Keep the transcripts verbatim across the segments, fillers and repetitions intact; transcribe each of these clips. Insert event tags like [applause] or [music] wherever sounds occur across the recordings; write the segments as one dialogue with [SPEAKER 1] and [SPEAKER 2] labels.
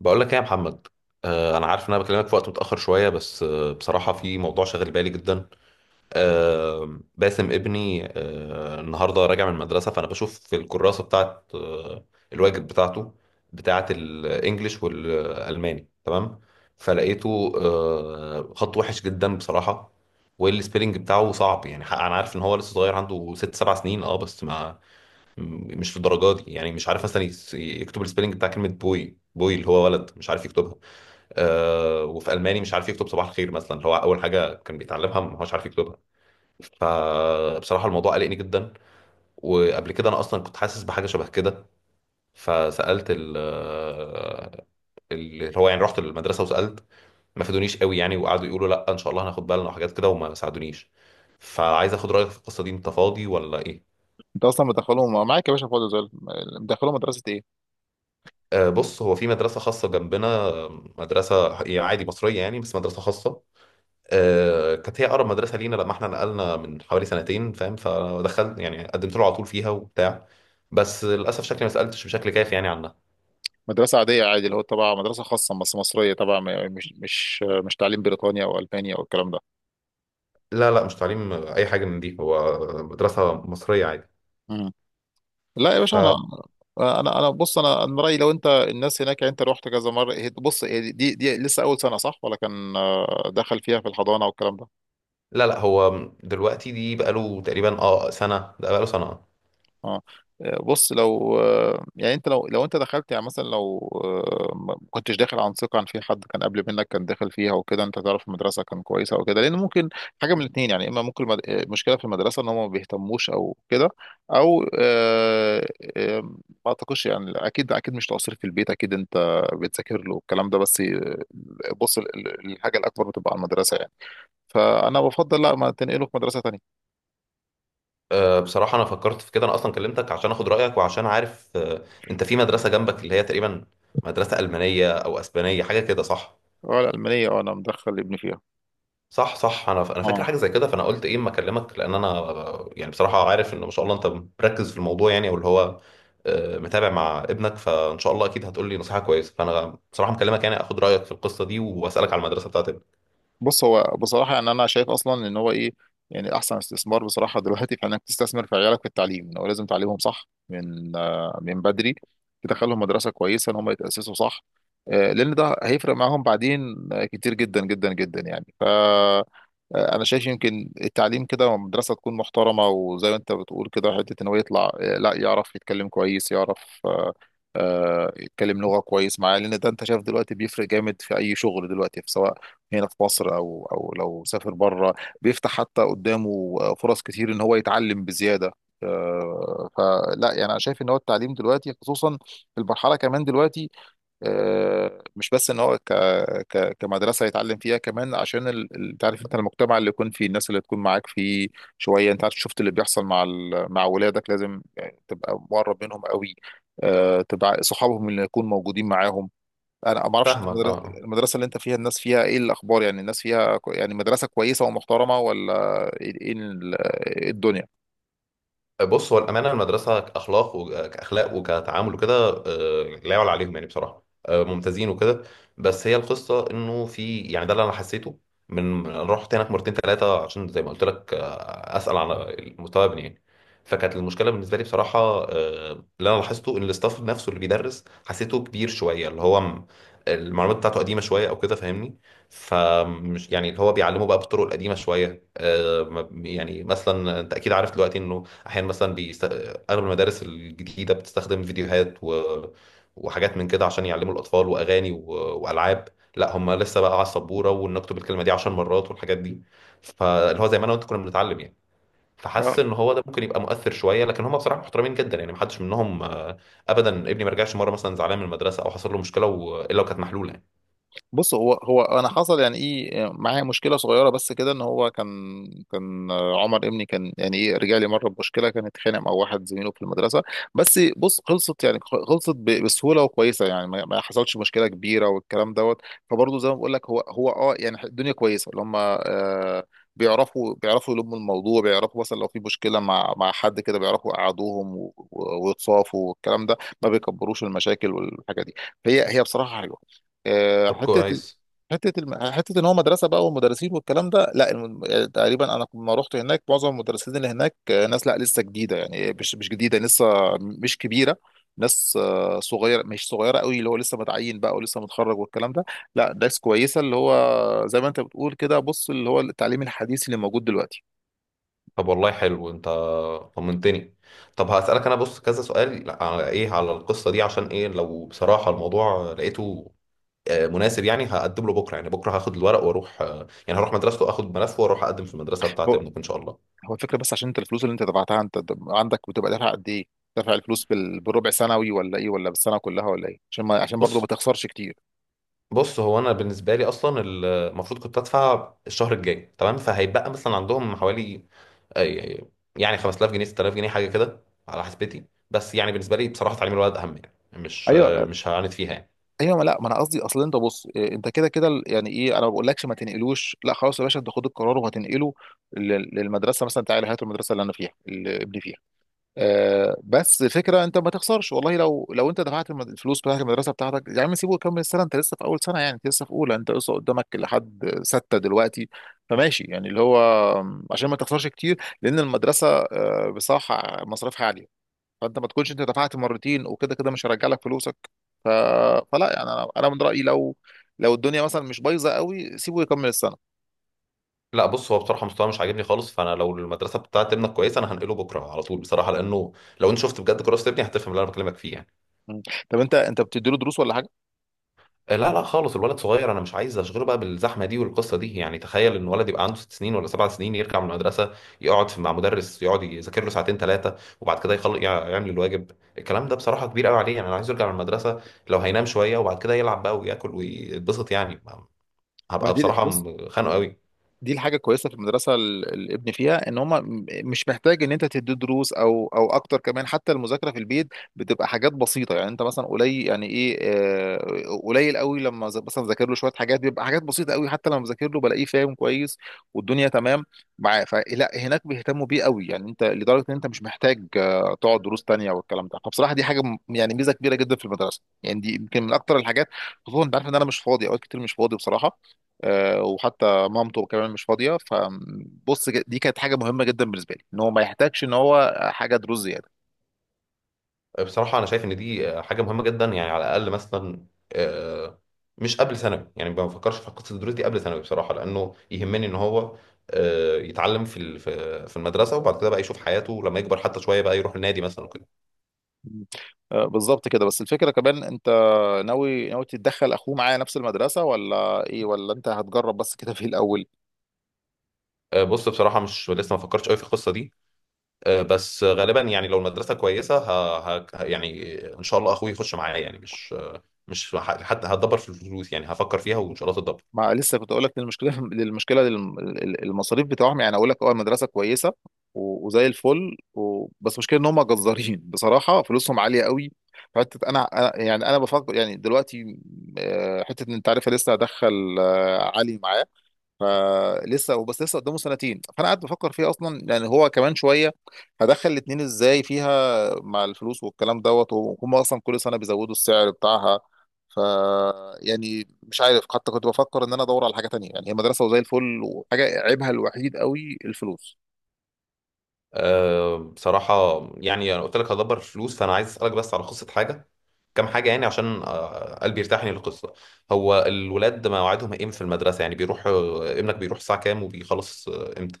[SPEAKER 1] بقول لك ايه يا محمد؟ آه انا عارف ان انا بكلمك في وقت متاخر شويه، بس آه بصراحه في موضوع شاغل بالي جدا. آه باسم ابني، آه النهارده راجع من المدرسه، فانا بشوف في الكراسه بتاعه، آه الواجب بتاعته، بتاعه الانجليش والالماني تمام، فلقيته آه خط وحش جدا بصراحه، والسبيلنج بتاعه صعب يعني. حق- انا عارف ان هو لسه صغير، عنده ست سبع سنين، اه، بس ما م- مش في الدرجات دي يعني. مش عارف مثلا يس- يكتب السبيلنج بتاع كلمه بوي بوي اللي هو ولد، مش عارف يكتبها. آه وفي الماني مش عارف يكتب صباح الخير مثلا، اللي هو اول حاجه كان بيتعلمها، ما هوش عارف يكتبها. فبصراحه الموضوع قلقني جدا، وقبل كده انا اصلا كنت حاسس بحاجه شبه كده. فسالت ال آه، اللي هو يعني رحت المدرسه وسالت، ما فادونيش قوي يعني، وقعدوا يقولوا لا ان شاء الله هناخد بالنا وحاجات كده، وما ساعدونيش. فعايز اخد رايك في القصه دي، انت فاضي ولا ايه؟
[SPEAKER 2] انت اصلا مدخلهم معاك يا باشا فاضي زي الفل. مدخلهم مدرسه ايه؟
[SPEAKER 1] آه، بص، هو في مدرسة خاصة جنبنا، آه، مدرسة ح- يعني عادي مصرية يعني، بس مدرسة خاصة. آه، كانت هي أقرب مدرسة لينا لما احنا نقلنا من حوالي سنتين، فاهم، فدخلت يعني قدمت له على طول فيها وبتاع. بس للأسف شكلي ما سألتش بشكل كافي يعني عنها.
[SPEAKER 2] مدرسه عاديه عادي اللي هو تبع مدرسه خاصه بس مصريه طبعا م- مش مش مش تعليم بريطانيا او المانيا او الكلام ده.
[SPEAKER 1] لا لا، مش تعليم آه، أي حاجة من دي هو، مدرسة مصرية عادي.
[SPEAKER 2] مم. لا يا باشا
[SPEAKER 1] فلا.
[SPEAKER 2] انا انا انا بص انا انا رايي لو انت الناس هناك، يعني انت رحت كذا مره. هي- بص هي دي دي لسه اول سنه، صح ولا كان آه، دخل فيها في الحضانه والكلام ده؟
[SPEAKER 1] لا لا، هو دلوقتي دي بقاله تقريبا اه سنة، ده بقاله سنة.
[SPEAKER 2] اه آه، بص لو آه، يعني انت لو لو انت دخلت يعني، مثلا لو آه، ما كنتش داخل عن ثقه، عن في حد كان قبل منك كان داخل فيها وكده، انت تعرف المدرسه كان كويسه او كده، لان ممكن حاجه من الاثنين يعني. اما ممكن المد- المشكله في المدرسه ان هم ما بيهتموش او كده، او آه، آه، ما اعتقدش يعني. اكيد اكيد مش تقصير في البيت، اكيد انت بتذاكر له، الكلام ده بس آه، بص، ال- ال- الحاجه الاكبر بتبقى على المدرسه يعني. فانا بفضل، لا، ما تنقله في مدرسه تانيه.
[SPEAKER 1] آه، بصراحة أنا فكرت في كده، أنا أصلا كلمتك عشان أخد رأيك، وعشان عارف آه، أنت في مدرسة جنبك اللي هي تقريبا مدرسة ألمانية أو أسبانية، حاجة كده، صح؟
[SPEAKER 2] اه، الالمانيه، اه انا مدخل ابني فيها.
[SPEAKER 1] صح صح، أنا ف- أنا فاكر
[SPEAKER 2] اه،
[SPEAKER 1] حاجة زي كده، فأنا قلت إيه أما أكلمك، لأن أنا آه، يعني بصراحة عارف إن ما شاء الله أنت مركز في الموضوع يعني، أو اللي هو آه، متابع مع ابنك. فإن شاء الله أكيد هتقول لي نصيحة كويسة، فأنا بصراحة مكلمك يعني أخد رأيك في القصة دي، وأسألك على المدرسة بتاعت ابنك.
[SPEAKER 2] بص هو بصراحة يعني أنا شايف أصلا إن هو إيه، يعني أحسن استثمار بصراحة دلوقتي، في إنك تستثمر في عيالك في التعليم. إن هو لازم تعليمهم صح من آه، من بدري، تدخلهم مدرسة كويسة، إن هم يتأسسوا صح. آه، لأن ده هيفرق معاهم بعدين آه، كتير جدا جدا جدا يعني. ف آه، انا شايف يمكن التعليم كده، مدرسه تكون محترمه، وزي ما انت بتقول كده، حته ان هو يطلع آه، لا يعرف يتكلم كويس، يعرف آه، آه، يتكلم لغه كويس معاه، لان ده انت شايف دلوقتي بيفرق جامد في اي شغل دلوقتي، سواء هنا في مصر او او لو سافر بره، بيفتح حتى قدامه فرص كتير ان هو يتعلم بزياده. آه، فلا يعني، انا شايف ان هو التعليم دلوقتي خصوصا في المرحله كمان دلوقتي، آه، مش بس ان هو ك ك كمدرسه يتعلم فيها، كمان عشان ال- ال- تعرف انت المجتمع اللي يكون فيه، الناس اللي تكون معاك فيه شويه. انت عارف شفت اللي بيحصل، مع ال- مع ولادك لازم يعني تبقى مقرب منهم قوي، آه، تبقى صحابهم اللي يكون موجودين معاهم. انا ما اعرفش انت
[SPEAKER 1] فاهمك، أه
[SPEAKER 2] المدرسه،
[SPEAKER 1] آه.
[SPEAKER 2] المدرسة اللي انت فيها الناس فيها ايه الاخبار يعني، الناس فيها كو- يعني مدرسه كويسه ومحترمه ولا ايه؟ إيه ال- إيه الدنيا؟
[SPEAKER 1] بص، هو الأمانة المدرسة كأخلاق وكأخلاق وكتعامل وكده آه، لا يعلى عليهم يعني، بصراحة آه، ممتازين وكده. بس هي القصة إنه في يعني، ده اللي أنا حسيته من من- أنا رحت هناك مرتين ثلاثة عشان زي ما قلت لك، آه، أسأل على مستوى ابني يعني. فكانت المشكلة بالنسبة لي بصراحة، آه، اللي أنا لاحظته إن الاستاف نفسه اللي بيدرس حسيته كبير شوية، اللي هو م- المعلومات بتاعته قديمة شوية أو كده، فاهمني. فمش يعني، اللي هو بيعلمه بقى بالطرق القديمة شوية. آه، ما- يعني مثلا انت اكيد عارف دلوقتي انه احيانا مثلا بيست... اغلب المدارس الجديده بتستخدم فيديوهات و... وحاجات من كده عشان يعلموا الاطفال، واغاني و... والعاب. لا، هم لسه بقى على السبوره ونكتب الكلمه دي 10 مرات والحاجات دي، فاللي هو زي ما انا وانت كنا بنتعلم يعني. فحاسس ان هو ده ممكن يبقى مؤثر شويه، لكن هم بصراحه محترمين جدا يعني، محدش منهم آه، ابدا. ابني ما رجعش مره مثلا زعلان من المدرسه، او حصل له مشكله و... الا وكانت محلوله يعني.
[SPEAKER 2] بص هو هو انا حصل يعني ايه، معايا مشكله صغيره بس كده، ان هو كان، كان عمر ابني كان يعني ايه، رجع لي مره بمشكله، كان اتخانق مع واحد زميله في المدرسه. بس بص خلصت يعني، خلصت ب- بسهوله وكويسه يعني، ما ما حصلش مشكله كبيره والكلام دوت. فبرضه زي ما بقول لك، هو هو اه يعني الدنيا كويسه، اللي هم آه بيعرفوا بيعرفوا يلموا الموضوع، بيعرفوا مثلا لو في مشكله مع مع حد كده، بيعرفوا يقعدوهم و- و- ويتصافوا والكلام ده، ما بيكبروش المشاكل والحاجه دي. فهي هي بصراحه حلوه. آه،
[SPEAKER 1] طب
[SPEAKER 2] حته،
[SPEAKER 1] كويس.
[SPEAKER 2] حته الم... حته ان هو مدرسه بقى والمدرسين والكلام ده، لا الم... يعني تقريبا انا لما رحت هناك، معظم المدرسين اللي هناك آه، ناس لا لسه جديده يعني، مش مش جديده لسه مش كبيره، ناس آه، صغيره، مش صغيره قوي اللي هو لسه متعين بقى ولسه متخرج والكلام ده، لا، ناس كويسه اللي هو زي ما انت بتقول كده، بص، اللي هو التعليم الحديث اللي موجود دلوقتي.
[SPEAKER 1] طب والله حلو، انت طمنتني. طب هسألك انا بص كذا سؤال على ايه على القصة دي، عشان ايه، لو بصراحة الموضوع لقيته آه، مناسب، يعني هقدم له بكرة. يعني بكرة هاخد الورق واروح، آه، يعني هروح مدرسته اخد ملفه، واروح اقدم في المدرسة بتاعة
[SPEAKER 2] هو
[SPEAKER 1] ابنك ان شاء الله.
[SPEAKER 2] هو الفكره بس، عشان انت الفلوس اللي انت دفعتها انت عندك، بتبقى دافع قد ايه؟ دافع الفلوس بال... بالربع سنوي ولا ايه، ولا بالسنه كلها ولا ايه؟ عشان ما... عشان برضه ما
[SPEAKER 1] بص
[SPEAKER 2] تخسرش كتير.
[SPEAKER 1] بص هو انا بالنسبة لي اصلا، ال- المفروض كنت ادفع الشهر الجاي تمام، فهيبقى مثلا عندهم حوالي آه، يعني خمسة آلاف جنيه ست آلاف جنيه حاجة كده على حسبتي. بس يعني بالنسبة لي بصراحة تعليم الولد اهم يعني، مش
[SPEAKER 2] ايوه،
[SPEAKER 1] آه، مش هعاند فيها يعني.
[SPEAKER 2] ايوه، ما، لا، ما انا قصدي اصل انت بص، إيه، انت كده كده ال- يعني ايه، انا ما بقولكش ما تنقلوش، لا خلاص يا باشا، انت خد القرار وهتنقله لل- للمدرسه مثلا، تعالى هات المدرسه اللي انا فيها، اللي ابني فيها. آه، بس فكره انت ما تخسرش والله، لو لو انت دفعت الم- الفلوس بتاعت المدرسه بتاعتك يا عم، سيبه يكمل السنه، انت لسه في اول سنه يعني، انت لسه في اولى، انت لسه قدامك لحد سته دلوقتي. فماشي يعني اللي هو، عشان ما تخسرش كتير، لان المدرسه آه، بصراحه مصاريفها، فانت ما تكونش انت دفعت مرتين وكده كده مش هرجع لك فلوسك. ف... فلا يعني، انا أنا من رايي، لو لو الدنيا مثلا مش بايظه قوي، سيبه يكمل السنه.
[SPEAKER 1] لا بص، هو بصراحه مستواه مش عاجبني خالص، فانا لو المدرسه بتاعت ابنك كويسه انا هنقله بكره على طول بصراحه، لانه لو انت شفت بجد كراسه ابني هتفهم اللي انا بكلمك فيه يعني.
[SPEAKER 2] مم. طب انت انت بتديله دروس ولا حاجه؟
[SPEAKER 1] آه، لا لا خالص، الولد صغير انا مش عايز اشغله بقى بالزحمه دي والقصه دي يعني. تخيل ان ولد يبقى عنده ست سنين ولا سبع سنين يرجع من المدرسه، يقعد في- مع مدرس يقعد يذاكر له ساعتين ثلاثه، وبعد كده يخلق يعمل الواجب. الكلام ده بصراحه كبير قوي عليه يعني. انا عايز يرجع من المدرسه لو هينام شويه، وبعد كده يلعب بقى وياكل ويتبسط يعني،
[SPEAKER 2] ما
[SPEAKER 1] هبقى
[SPEAKER 2] دي
[SPEAKER 1] بصراحه
[SPEAKER 2] بص،
[SPEAKER 1] خانقه قوي.
[SPEAKER 2] دي الحاجه الكويسه في المدرسه ال- الابن فيها، ان هم مش محتاج ان انت تدي دروس او او اكتر. كمان حتى المذاكره في البيت بتبقى حاجات بسيطه يعني، انت مثلا قليل يعني ايه، آه، قليل قوي، لما ز- مثلا ذاكر له شويه حاجات، بيبقى حاجات بسيطه قوي، حتى لما بذاكر له بلاقيه فاهم كويس، والدنيا تمام معاه. فلا، هناك بيهتموا بيه قوي يعني، انت لدرجه ان انت مش محتاج آه، تقعد دروس تانيه والكلام ده. فبصراحه دي حاجه م- يعني ميزه كبيره جدا في المدرسه يعني، دي يمكن من اكتر الحاجات، خصوصا انت عارف ان انا مش فاضي اوقات كتير، مش فاضي بصراحه، آه، وحتى مامته كمان مش فاضيه. فبص، ج- دي كانت حاجه مهمه جدا بالنسبه لي، ان هو ما يحتاجش ان هو حاجه دروس زياده.
[SPEAKER 1] بصراحة أنا شايف إن دي حاجة مهمة جدا يعني، على الأقل مثلا آه، مش قبل ثانوي، يعني ما بفكرش في قصة الدروس دي قبل ثانوي بصراحة، لأنه يهمني إن هو آه، يتعلم في ال- في في المدرسة، وبعد كده بقى يشوف حياته لما يكبر حتى شوية بقى، يروح النادي مثلا وكده.
[SPEAKER 2] مم. آه، بالظبط كده. بس الفكره كمان، انت ناوي ناوي تتدخل اخوه معايا نفس المدرسه، ولا ايه، ولا انت هتجرب بس كده في الاول؟
[SPEAKER 1] آه، بص بصراحة مش لسه ما فكرتش قوي في القصة دي. آه، بس غالبا يعني، لو المدرسة كويسة ه... ه... يعني إن شاء الله أخوي يخش معايا يعني، مش مش ه- حتى هتدبر في الفلوس يعني، هفكر فيها وإن شاء الله تتدبر.
[SPEAKER 2] ما لسه كنت اقول لك، المشكله المشكله [laughs] للم- ال- المصاريف بتاعهم يعني. اقول لك اه، المدرسه كويسه و- وزي الفل و... بس مشكله ان هم جزارين [laughs] بصراحه، فلوسهم عاليه قوي. حته انا أنا- يعني انا بفكر يعني دلوقتي، آه، حته ان انت عارف لسه هدخل آه، علي معايا، فلسه وبس، لسه قدامه سنتين، فانا قاعد بفكر فيه اصلا يعني. هو كمان شويه هدخل الاتنين ازاي فيها مع الفلوس والكلام دوت، وهم اصلا كل سنه بيزودوا السعر بتاعها. ف يعني مش عارف، حتى كنت بفكر ان انا ادور على حاجه تانية يعني، هي مدرسه وزي الفل، وحاجه عيبها الوحيد قوي الفلوس.
[SPEAKER 1] أه بصراحة، يعني أنا قلت لك هدبر فلوس، فأنا عايز أسألك بس على قصة حاجة كام حاجة يعني، عشان أه، قلبي يرتاح يعني للقصة. هو الولاد مواعيدهم إيه في المدرسة، يعني بيروح أه، ابنك بيروح الساعة كام، وبيخلص أه، إمتى؟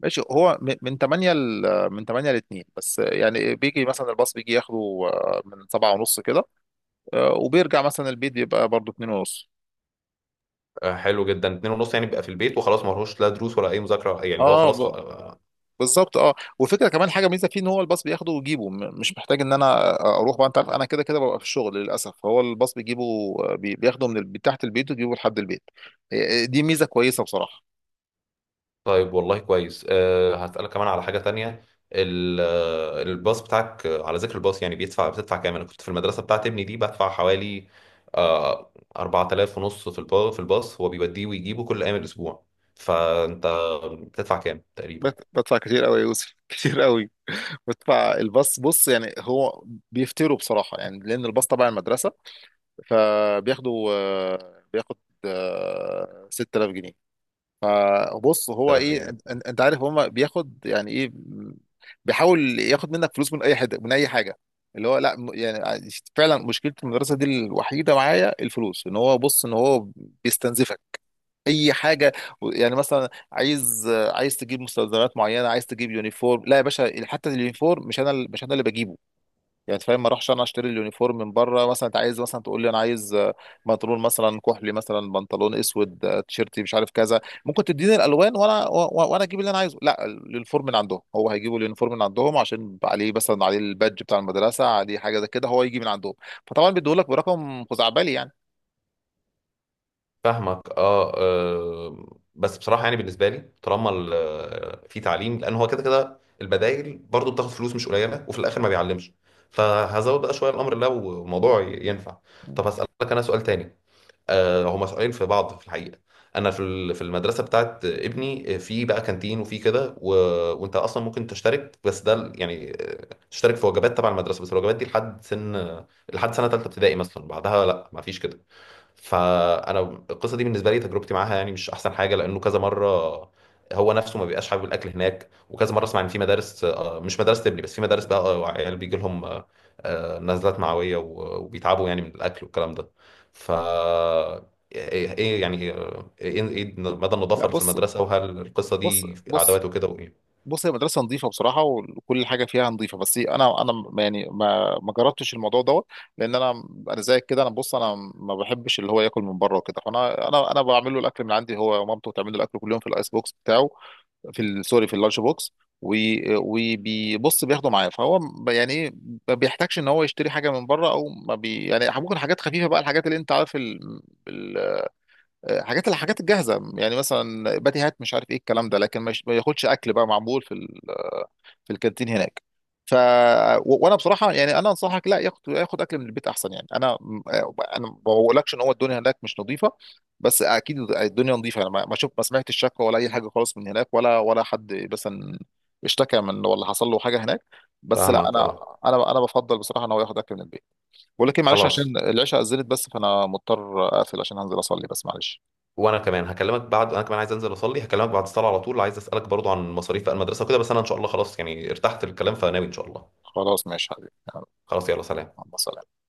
[SPEAKER 2] ماشي، هو م- من تمانية ل من تمانية ل اتنين بس يعني، بيجي مثلا الباص بيجي ياخده آه، من سبعة ونص كده، آه، وبيرجع مثلا البيت بيبقى برضه اثنين ونص.
[SPEAKER 1] أه، حلو جدا، اتنين ونص يعني بيبقى في البيت وخلاص، ما لهوش لا دروس ولا أي مذاكرة، يعني اللي هو خلاص
[SPEAKER 2] اه
[SPEAKER 1] آه.
[SPEAKER 2] بالظبط، اه، والفكره كمان حاجه ميزه فيه، ان هو الباص بياخده ويجيبه، م- مش محتاج ان انا اروح بقى، انت عارف انا كده كده ببقى في الشغل للاسف، فهو الباص بيجيبه، بي- بياخده من ال- من تحت البيت ويجيبه لحد البيت. إيه، دي ميزه كويسه بصراحه.
[SPEAKER 1] طيب والله كويس. أه هسألك كمان على حاجة تانية. ال- آه، الباص بتاعك، آه، على ذكر الباص يعني بيدفع بتدفع كام؟ أنا كنت في المدرسة بتاعت ابني دي بدفع حوالي آه أربعة آلاف ونص في الباص، في الباص هو بيوديه ويجيبه كل أيام الأسبوع. فأنت بتدفع كام تقريبا؟
[SPEAKER 2] بت- بدفع كتير قوي يا يوسف [laughs] كتير قوي. بدفع الباص بص يعني، هو بيفتروا بصراحه يعني، لان الباص تبع المدرسه، فبياخده آه، بياخد آه، ستة آلاف جنيه. فبص هو
[SPEAKER 1] 3000
[SPEAKER 2] ايه، أن- أن-
[SPEAKER 1] جنيه
[SPEAKER 2] انت عارف هما بياخد يعني ايه، بيحاول ياخد منك فلوس من اي حد من اي حاجه، اللي هو لا، م- يعني فعلا مشكله المدرسه دي الوحيده معايا، الفلوس، ان هو بص ان هو بيستنزفك اي حاجه. يعني مثلا، عايز عايز تجيب مستلزمات معينه، عايز تجيب يونيفورم، لا يا باشا، حتى اليونيفورم مش انا مش انا اللي بجيبه يعني، انت فاهم، ما اروحش انا اشتري اليونيفورم من بره مثلا. انت عايز مثلا تقول لي، انا عايز آه، بنطلون مثلا كحلي، مثلا بنطلون اسود، آه، تيشيرتي مش عارف كذا، ممكن تديني الالوان وانا و- و- وانا اجيب اللي انا عايزه، لا، اليونيفورم من عندهم، هو هيجيبوا اليونيفورم من عندهم عشان عليه مثلا، عليه البادج بتاع المدرسه، عليه حاجه زي كده، هو يجي من عندهم، فطبعا بيديهولك برقم خزعبلي يعني.
[SPEAKER 1] فاهمك اه آه. بس بصراحه يعني بالنسبه لي طالما ال- آه، في تعليم، لان هو كده كده البدايل برضو بتاخد فلوس مش قليله وفي الاخر ما بيعلمش، فهزود بقى شويه الامر لو الموضوع ي- ينفع. طب هسالك انا سؤال تاني. آه هما سؤالين في بعض في الحقيقه. انا في ال- في المدرسه بتاعت ابني آه، في بقى كانتين وفي كده و... وانت اصلا ممكن تشترك، بس ده ال- يعني آه، تشترك في وجبات تبع المدرسه، بس الوجبات دي لحد سن، لحد سنه ثالثه ابتدائي مثلا، بعدها لا ما فيش كده. فانا القصه دي بالنسبه لي تجربتي معاها يعني مش احسن حاجه، لانه كذا مره هو نفسه ما بيبقاش حابب الاكل هناك، وكذا مره اسمع ان في مدارس آه، مش مدارس تبني، بس في مدارس بقى آه، عيال بيجي لهم آه، آه، نزلات معويه و- وبيتعبوا يعني من الاكل والكلام ده. ف ايه إيه يعني آه، ايه إيه مدى النظافه
[SPEAKER 2] لا،
[SPEAKER 1] اللي في
[SPEAKER 2] بص
[SPEAKER 1] المدرسه، وهل القصه
[SPEAKER 2] بص
[SPEAKER 1] دي
[SPEAKER 2] بص
[SPEAKER 1] عداوات وكده وايه؟
[SPEAKER 2] بص هي مدرسة نظيفة بصراحة، وكل حاجة فيها نظيفة، بس أنا أنا م- يعني ما ما جربتش الموضوع دوت، لأن أنا أنا زيك كده، أنا بص أنا ما بحبش اللي هو ياكل من بره وكده، فأنا أنا أنا بعمل له الأكل من عندي، هو ومامته بتعمل له الأكل كل يوم في الأيس بوكس بتاعه، في ال- سوري في اللانش بوكس، وي- وبيبص بياخده معاه، فهو ب- يعني إيه، ما بيحتاجش إن هو يشتري حاجة من بره، أو ما بي يعني ممكن حاجات خفيفة بقى، الحاجات اللي أنت عارف، حاجات الحاجات الجاهزه يعني، مثلا باتيهات مش عارف ايه الكلام ده، لكن مش ما ياخدش اكل بقى معمول في ال- في الكانتين هناك. ف و- وانا بصراحه يعني انا انصحك، لا، ياخد ياخد اكل من البيت احسن يعني. انا انا ما بقولكش ان هو الدنيا هناك مش نظيفه، بس اكيد الدنيا نظيفه، انا ما ما شوف ما سمعتش شكوى ولا اي حاجه خالص من هناك، ولا ولا حد مثلا اشتكى من، ولا حصل له حاجه هناك، بس لا،
[SPEAKER 1] فاهمك
[SPEAKER 2] انا
[SPEAKER 1] اه.
[SPEAKER 2] انا انا بفضل بصراحه ان هو ياخد اكل من البيت. بقول لك ايه، معلش
[SPEAKER 1] خلاص،
[SPEAKER 2] عشان العشاء اذنت، بس فانا مضطر اقفل عشان هنزل اصلي، بس معلش.
[SPEAKER 1] وانا كمان هكلمك بعد. انا كمان عايز انزل اصلي، هكلمك بعد الصلاه على طول، عايز اسالك برضو عن مصاريف بقى المدرسه وكده، بس انا ان شاء الله خلاص يعني ارتحت للكلام، فناوي ان شاء الله.
[SPEAKER 2] خلاص ماشي حبيبي، يلا،
[SPEAKER 1] خلاص، يلا سلام.
[SPEAKER 2] مع السلامة.